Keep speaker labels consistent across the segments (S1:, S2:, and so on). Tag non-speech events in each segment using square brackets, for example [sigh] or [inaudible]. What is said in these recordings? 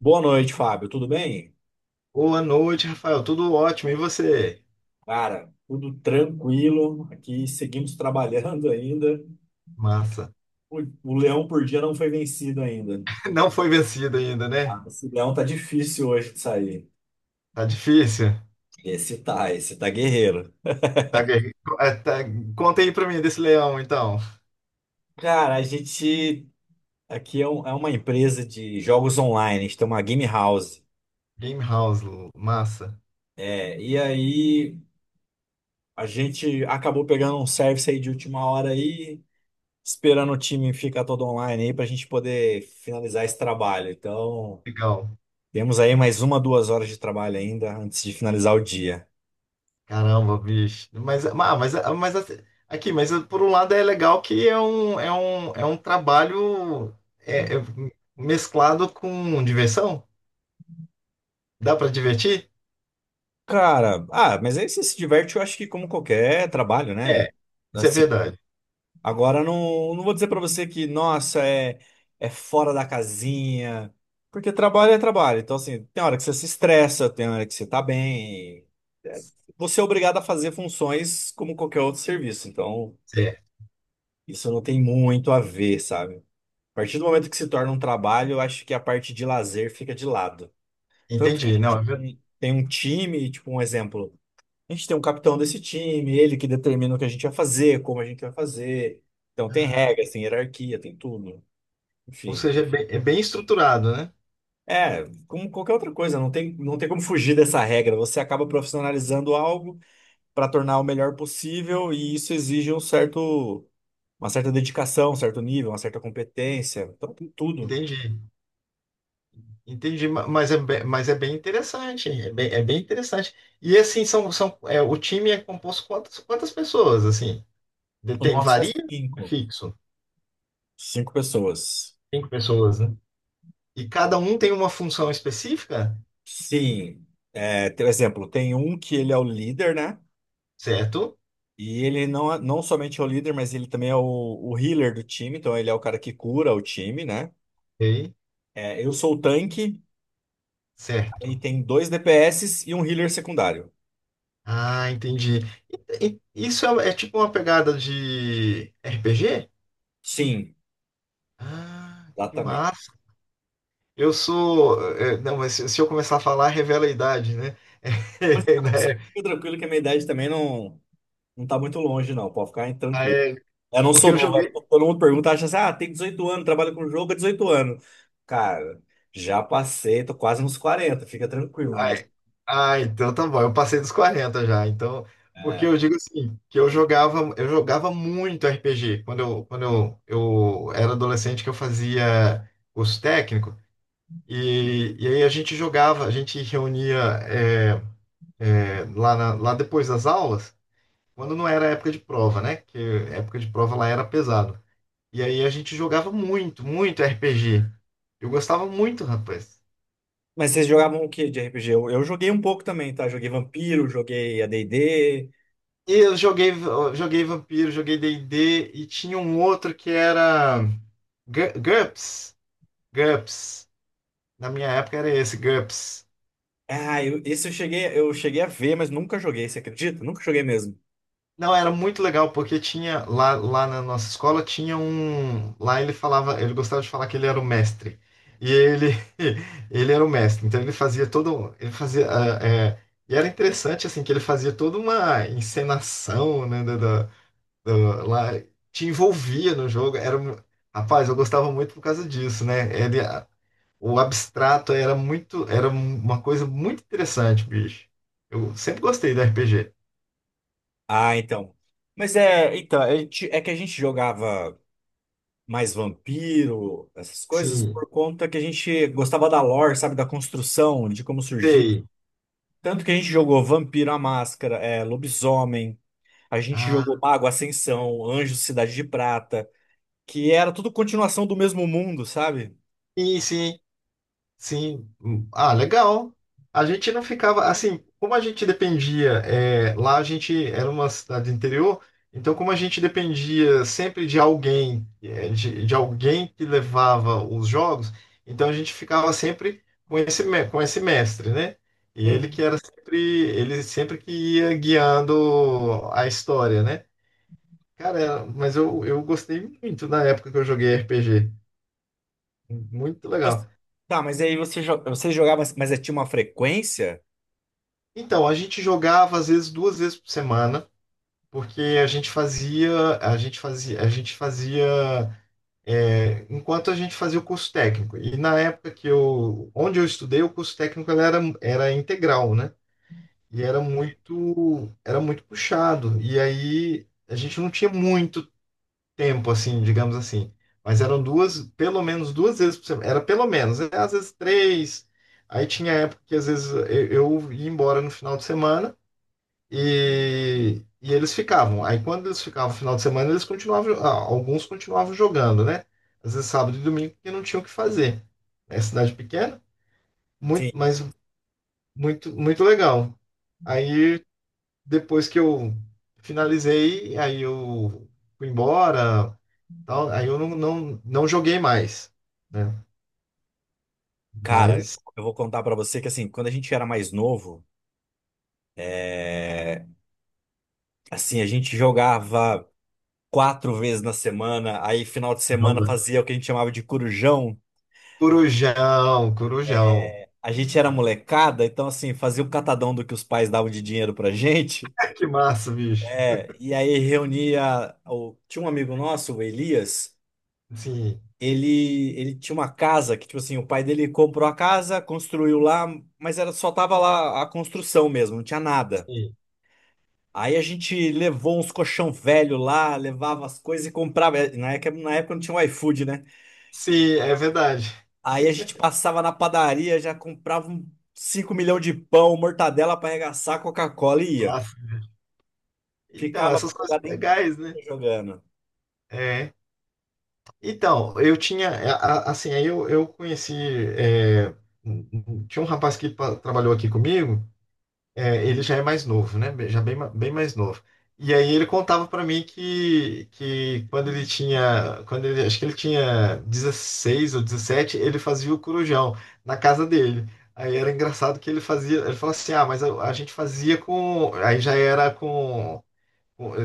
S1: Boa noite, Fábio. Tudo bem?
S2: Boa noite, Rafael. Tudo ótimo. E você?
S1: Cara, tudo tranquilo. Aqui seguimos [laughs] trabalhando ainda.
S2: Massa.
S1: O leão por dia não foi vencido ainda.
S2: [laughs] Não foi vencido ainda, né?
S1: Ah, esse leão tá difícil hoje de sair.
S2: Tá difícil.
S1: Esse tá guerreiro.
S2: Tá guerre- é, tá- Conta aí pra mim desse leão, então.
S1: Cara, a gente aqui é uma empresa de jogos online. A gente tem uma game house.
S2: Game House, massa.
S1: É, e aí a gente acabou pegando um service aí de última hora aí, esperando o time ficar todo online aí pra gente poder finalizar esse trabalho. Então,
S2: Legal.
S1: temos aí mais uma, 2 horas de trabalho ainda antes de finalizar o dia.
S2: Caramba, bicho. Mas, ah, mas, ah, mas assim, aqui, mas ah, por um lado é legal que é um trabalho é, é mesclado com diversão. Dá pra divertir?
S1: Cara, ah, mas aí você se diverte, eu acho que como qualquer trabalho, né?
S2: É, isso é
S1: Assim,
S2: verdade.
S1: agora não vou dizer pra você que, nossa, é fora da casinha, porque trabalho é trabalho. Então, assim, tem hora que você se estressa, tem hora que você tá bem. É, você é obrigado a fazer funções como qualquer outro serviço. Então,
S2: É,
S1: isso não tem muito a ver, sabe? A partir do momento que se torna um trabalho, eu acho que a parte de lazer fica de lado. Tanto que a
S2: entendi. Não,
S1: gente
S2: é verdade.
S1: tem, um time, tipo um exemplo. A gente tem um capitão desse time, ele que determina o que a gente vai fazer, como a gente vai fazer. Então tem regras, tem hierarquia, tem tudo.
S2: Ou
S1: Enfim.
S2: seja, é bem estruturado, né?
S1: É, como qualquer outra coisa, não tem como fugir dessa regra. Você acaba profissionalizando algo para tornar o melhor possível e isso exige um certo, uma certa dedicação, um certo nível, uma certa competência. Então tem tudo.
S2: Entendi, entendi, mas é, mas é bem interessante, é bem interessante. E assim, o time é composto quantas pessoas, assim?
S1: O
S2: Tem,
S1: nosso é
S2: varia? É
S1: cinco.
S2: fixo,
S1: Cinco pessoas.
S2: cinco pessoas, né? E cada um tem uma função específica,
S1: Sim, exemplo, tem um que ele é o líder, né?
S2: certo?
S1: E ele não somente é o líder, mas ele também é o healer do time, então ele é o cara que cura o time, né?
S2: Ok,
S1: É, eu sou o tanque, aí
S2: certo.
S1: tem dois DPS e um healer secundário.
S2: Ah, entendi. Isso é, é tipo uma pegada de RPG?
S1: Sim,
S2: Ah, que
S1: exatamente.
S2: massa. Eu sou, é, não, mas se eu começar a falar, revela a idade, né?
S1: Mas eu
S2: [laughs]
S1: também só
S2: Né?
S1: fica tranquilo que a minha idade também não, não tá muito longe, não, pode ficar
S2: Ah,
S1: tranquilo.
S2: é,
S1: Eu não
S2: porque
S1: sou
S2: eu
S1: novo,
S2: joguei.
S1: todo mundo pergunta, acha assim, ah, tem 18 anos, trabalha com jogo há 18 anos. Cara, já passei, tô quase nos 40, fica tranquilo,
S2: Ah,
S1: mas.
S2: ah, então tá bom. Eu passei dos 40 já. Então, porque
S1: é,
S2: eu digo assim, que eu jogava muito RPG. Quando eu era adolescente que eu fazia curso técnico. E aí a gente jogava, a gente reunia é, lá, lá depois das aulas, quando não era época de prova, né? Que época de prova lá era pesado. E aí a gente jogava muito RPG. Eu gostava muito, rapaz.
S1: Mas vocês jogavam o que de RPG? Eu joguei um pouco também, tá? Joguei Vampiro, joguei a AD&D.
S2: E eu joguei Vampiro, joguei D&D e D e tinha um outro que era GURPS. GURPS. Na minha época era esse, GURPS.
S1: Ah, esse eu cheguei a ver, mas nunca joguei, você acredita? Nunca joguei mesmo.
S2: Não, era muito legal porque tinha lá, lá na nossa escola tinha um, lá ele falava, ele gostava de falar que ele era o mestre. E ele [laughs] ele era o mestre, então ele fazia todo, ele fazia e era interessante assim que ele fazia toda uma encenação, né, lá te envolvia no jogo. Rapaz, eu gostava muito por causa disso, né? O abstrato era muito, uma coisa muito interessante, bicho. Eu sempre gostei do RPG.
S1: Ah, então, mas então, é que a gente jogava mais Vampiro, essas coisas,
S2: Sim,
S1: por conta que a gente gostava da lore, sabe? Da construção, de como surgir.
S2: sei.
S1: Tanto que a gente jogou Vampiro, a Máscara, Lobisomem, a gente
S2: Ah,
S1: jogou Mago, Ascensão, Anjos, Cidade de Prata, que era tudo continuação do mesmo mundo, sabe?
S2: sim, sim. Sim, hum, ah, legal. A gente não ficava assim, como a gente dependia, é, lá a gente era uma cidade interior, então como a gente dependia sempre de alguém, de alguém que levava os jogos, então a gente ficava sempre com esse, com esse mestre, né? E ele que era sempre, ele sempre que ia guiando a história, né? Cara, mas eu gostei muito na época que eu joguei RPG. Muito
S1: E você-
S2: legal.
S1: Tá, mas aí você jogava, mas tinha uma frequência?
S2: Então, a gente jogava às vezes duas vezes por semana, porque a gente fazia enquanto a gente fazia o curso técnico. E na época que eu, onde eu estudei, o curso técnico era integral, né? E era muito puxado. E aí a gente não tinha muito tempo, assim, digamos assim. Mas eram duas, pelo menos duas vezes por semana. Era pelo menos, né? Às vezes três. Aí tinha época que às vezes eu ia embora no final de semana. E eles ficavam. Aí quando eles ficavam no final de semana, eles continuavam, ah, alguns continuavam jogando, né? Às vezes sábado e domingo, porque não tinham o que fazer. É cidade pequena, muito,
S1: Sim.
S2: mas muito, muito legal. Aí depois que eu finalizei, aí eu fui embora, tal, aí eu não joguei mais, né?
S1: Cara,
S2: Mas
S1: eu vou contar pra você que assim, quando a gente era mais novo, é, assim, a gente jogava quatro vezes na semana, aí final de semana
S2: caramba,
S1: fazia o que a gente chamava de corujão.
S2: Corujão, Corujão.
S1: A gente era molecada, então assim, fazia um catadão do que os pais davam de dinheiro pra gente.
S2: [laughs] Que massa, bicho.
S1: É, e aí reunia. Tinha um amigo nosso, o Elias.
S2: Sim,
S1: Ele tinha uma casa que, tipo assim, o pai dele comprou a casa, construiu lá, mas era só tava lá a construção mesmo, não tinha nada.
S2: sim.
S1: Aí a gente levou uns colchão velho lá, levava as coisas e comprava. Na época não tinha o iFood, né?
S2: Sim, é verdade.
S1: Aí a gente passava na padaria, já comprava um 5 milhões de pão, mortadela pra arregaçar, Coca-Cola e ia.
S2: Ah, então,
S1: Ficava a
S2: essas coisas
S1: madrugada
S2: legais, né?
S1: inteira jogando.
S2: É. Então, eu tinha, é, assim, aí eu conheci, é, tinha um rapaz que trabalhou aqui comigo, é, ele já é mais novo, né? Já bem, bem mais novo. E aí ele contava para mim que quando ele tinha, quando ele, acho que ele tinha 16 ou 17, ele fazia o corujão na casa dele. Aí era engraçado que ele fazia, ele falava assim, ah, mas a gente fazia com, aí já era com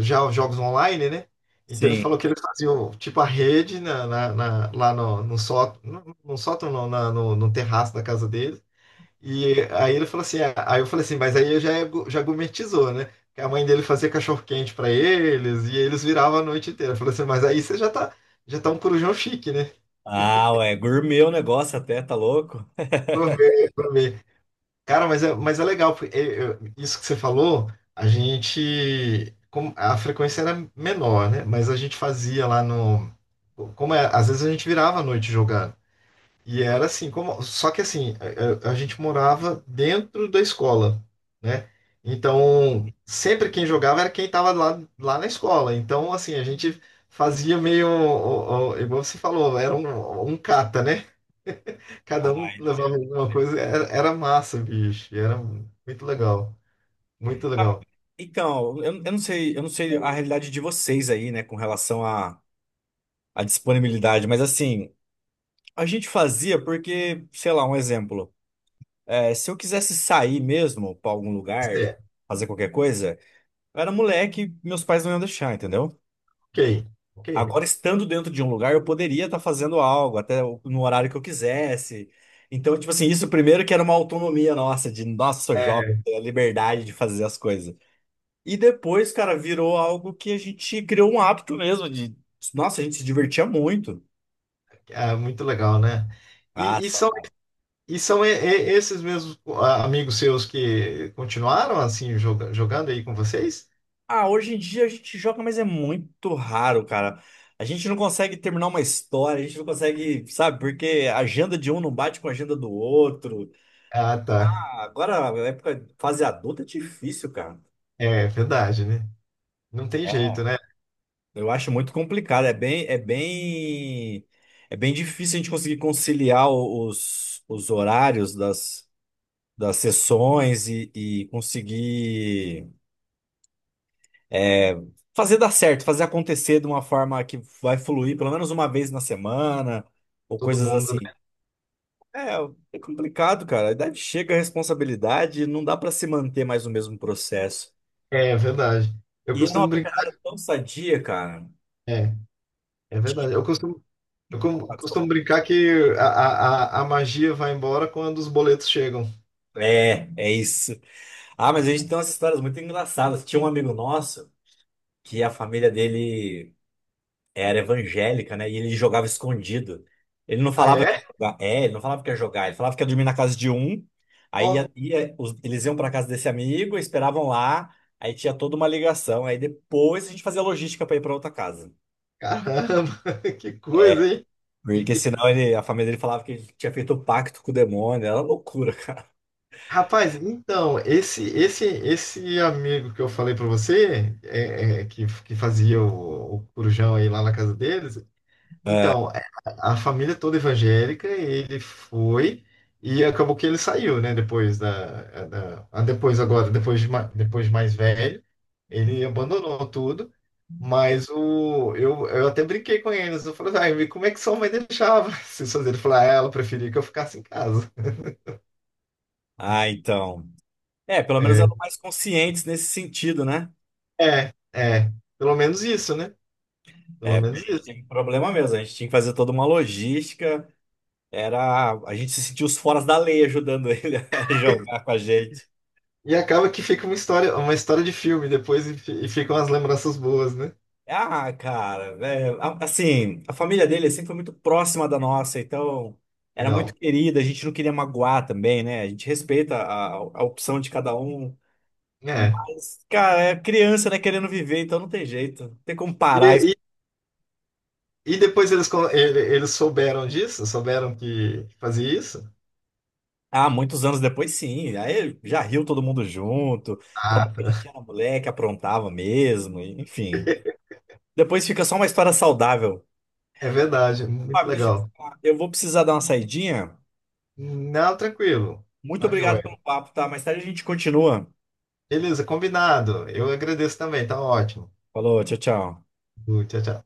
S2: já jogos online, né? Então ele
S1: Sim.
S2: falou que eles faziam tipo a rede na, lá no, no sótão, no, no sótão não, no, no terraço da casa dele. E aí ele falou assim, ah, aí eu falei assim, mas aí já, é já gourmetizou, né? Que a mãe dele fazia cachorro-quente pra eles e eles viravam a noite inteira. Eu falei assim, mas aí você já tá um corujão chique, né?
S1: Ah, ué, gourmet o negócio até, tá louco?
S2: Gourmet, gourmet. Cara, mas é legal, porque isso que você falou, a gente, a frequência era menor, né? Mas a gente fazia lá no, como é, às vezes a gente virava à noite jogando. E era assim, como, só que assim, a gente morava dentro da escola, né?
S1: [laughs]
S2: Então, sempre quem jogava era quem estava lá, lá na escola. Então, assim, a gente fazia meio, igual você falou, era um, um cata, né? Cada um
S1: Ah,
S2: levava
S1: entendo.
S2: alguma coisa. Era massa, bicho. Era muito legal. Muito legal.
S1: Então, eu não sei a realidade de vocês aí, né, com relação à disponibilidade, mas assim, a gente fazia porque, sei lá, um exemplo, se eu quisesse sair mesmo pra algum lugar,
S2: É,
S1: fazer qualquer coisa, eu era moleque, meus pais não iam deixar, entendeu?
S2: ok, ok.
S1: Agora, estando dentro de um lugar, eu poderia estar fazendo algo, até no horário que eu quisesse. Então, tipo assim, isso primeiro que era uma autonomia nossa, de nossa, jovem, ter a liberdade de fazer as coisas. E depois, cara, virou algo que a gente criou um hábito mesmo de. Nossa, a gente se divertia muito.
S2: Ah, muito legal, né?
S1: Ah,
S2: E, e são,
S1: saudade.
S2: e são esses mesmos ah, amigos seus que continuaram assim jogando aí com vocês?
S1: Ah, hoje em dia a gente joga, mas é muito raro, cara. A gente não consegue terminar uma história, a gente não consegue, sabe, porque a agenda de um não bate com a agenda do outro.
S2: Ah, tá.
S1: Ah, agora, a época, fase adulta é difícil, cara.
S2: É verdade, né? Não tem jeito,
S1: É,
S2: né?
S1: eu acho muito complicado. É bem difícil a gente conseguir conciliar os horários das sessões e conseguir é, fazer dar certo, fazer acontecer de uma forma que vai fluir pelo menos uma vez na semana ou
S2: Todo
S1: coisas
S2: mundo,
S1: assim.
S2: né?
S1: É, é complicado, cara. A idade chega, a responsabilidade, não dá pra se manter mais no mesmo processo.
S2: É verdade. Eu
S1: E é uma
S2: costumo
S1: brincadeira
S2: brincar.
S1: tão sadia, cara.
S2: É, é
S1: Tinha-
S2: verdade. Eu costumo, eu
S1: ah,
S2: costumo
S1: desculpa.
S2: brincar que a a magia vai embora quando os boletos chegam.
S1: É isso. Ah, mas a gente tem umas histórias muito engraçadas. Tinha um amigo nosso que a família dele era evangélica, né? E ele jogava escondido. Ele não
S2: Ah,
S1: falava que ia
S2: é?
S1: jogar. É, ele não falava que ia jogar. Ele falava que ia dormir na casa de um. Aí
S2: Ó,
S1: eles iam para casa desse amigo, esperavam lá. Aí tinha toda uma ligação. Aí depois a gente fazia logística para ir para outra casa.
S2: caramba, [laughs] que coisa,
S1: É,
S2: hein?
S1: porque
S2: [laughs]
S1: senão a família dele falava que ele tinha feito um pacto com o demônio. Era loucura, cara.
S2: Rapaz, então, esse amigo que eu falei pra você, é, é, que fazia o corujão aí lá na casa deles,
S1: É.
S2: então, é, a família toda evangélica, ele foi e acabou que ele saiu, né? Depois da, é, depois agora, depois de, depois de mais velho, ele abandonou tudo. Mas o, eu até brinquei com eles. Eu falei, ai, como é que sua mãe deixava [laughs] vocês fazerem? Ele falou, ah, ela preferia que eu ficasse em casa.
S1: Ah, então. É, pelo menos
S2: É,
S1: eram mais conscientes nesse sentido, né?
S2: é, é. Pelo menos isso, né? Pelo
S1: É, porque a
S2: menos
S1: gente
S2: isso.
S1: teve problema mesmo. A gente tinha que fazer toda uma logística. A gente se sentiu os foras da lei ajudando ele [laughs] a jogar com a gente.
S2: E acaba que fica uma história de filme depois e, e ficam as lembranças boas, né?
S1: Ah, cara, assim, a família dele sempre foi muito próxima da nossa, então era muito
S2: Legal.
S1: querida, a gente não queria magoar também, né? A gente respeita a opção de cada um,
S2: É.
S1: mas, cara, é criança, né, querendo viver, então não tem jeito, não tem como parar isso.
S2: E, e depois eles, eles souberam disso? Souberam que fazia isso?
S1: Ah, muitos anos depois, sim, aí já riu todo mundo junto, falava
S2: Ah,
S1: que a gente
S2: tá.
S1: era moleque, aprontava mesmo, enfim.
S2: [laughs]
S1: Depois fica só uma história saudável.
S2: É verdade, muito
S1: Fábio, deixa eu te
S2: legal.
S1: falar. Eu vou precisar dar uma saidinha.
S2: Não, tranquilo.
S1: Muito
S2: Tá
S1: obrigado
S2: joia.
S1: pelo papo, tá? Mais tarde a gente continua.
S2: Beleza, combinado. Eu agradeço também, tá ótimo.
S1: Falou, tchau, tchau.
S2: Tchau, tchau.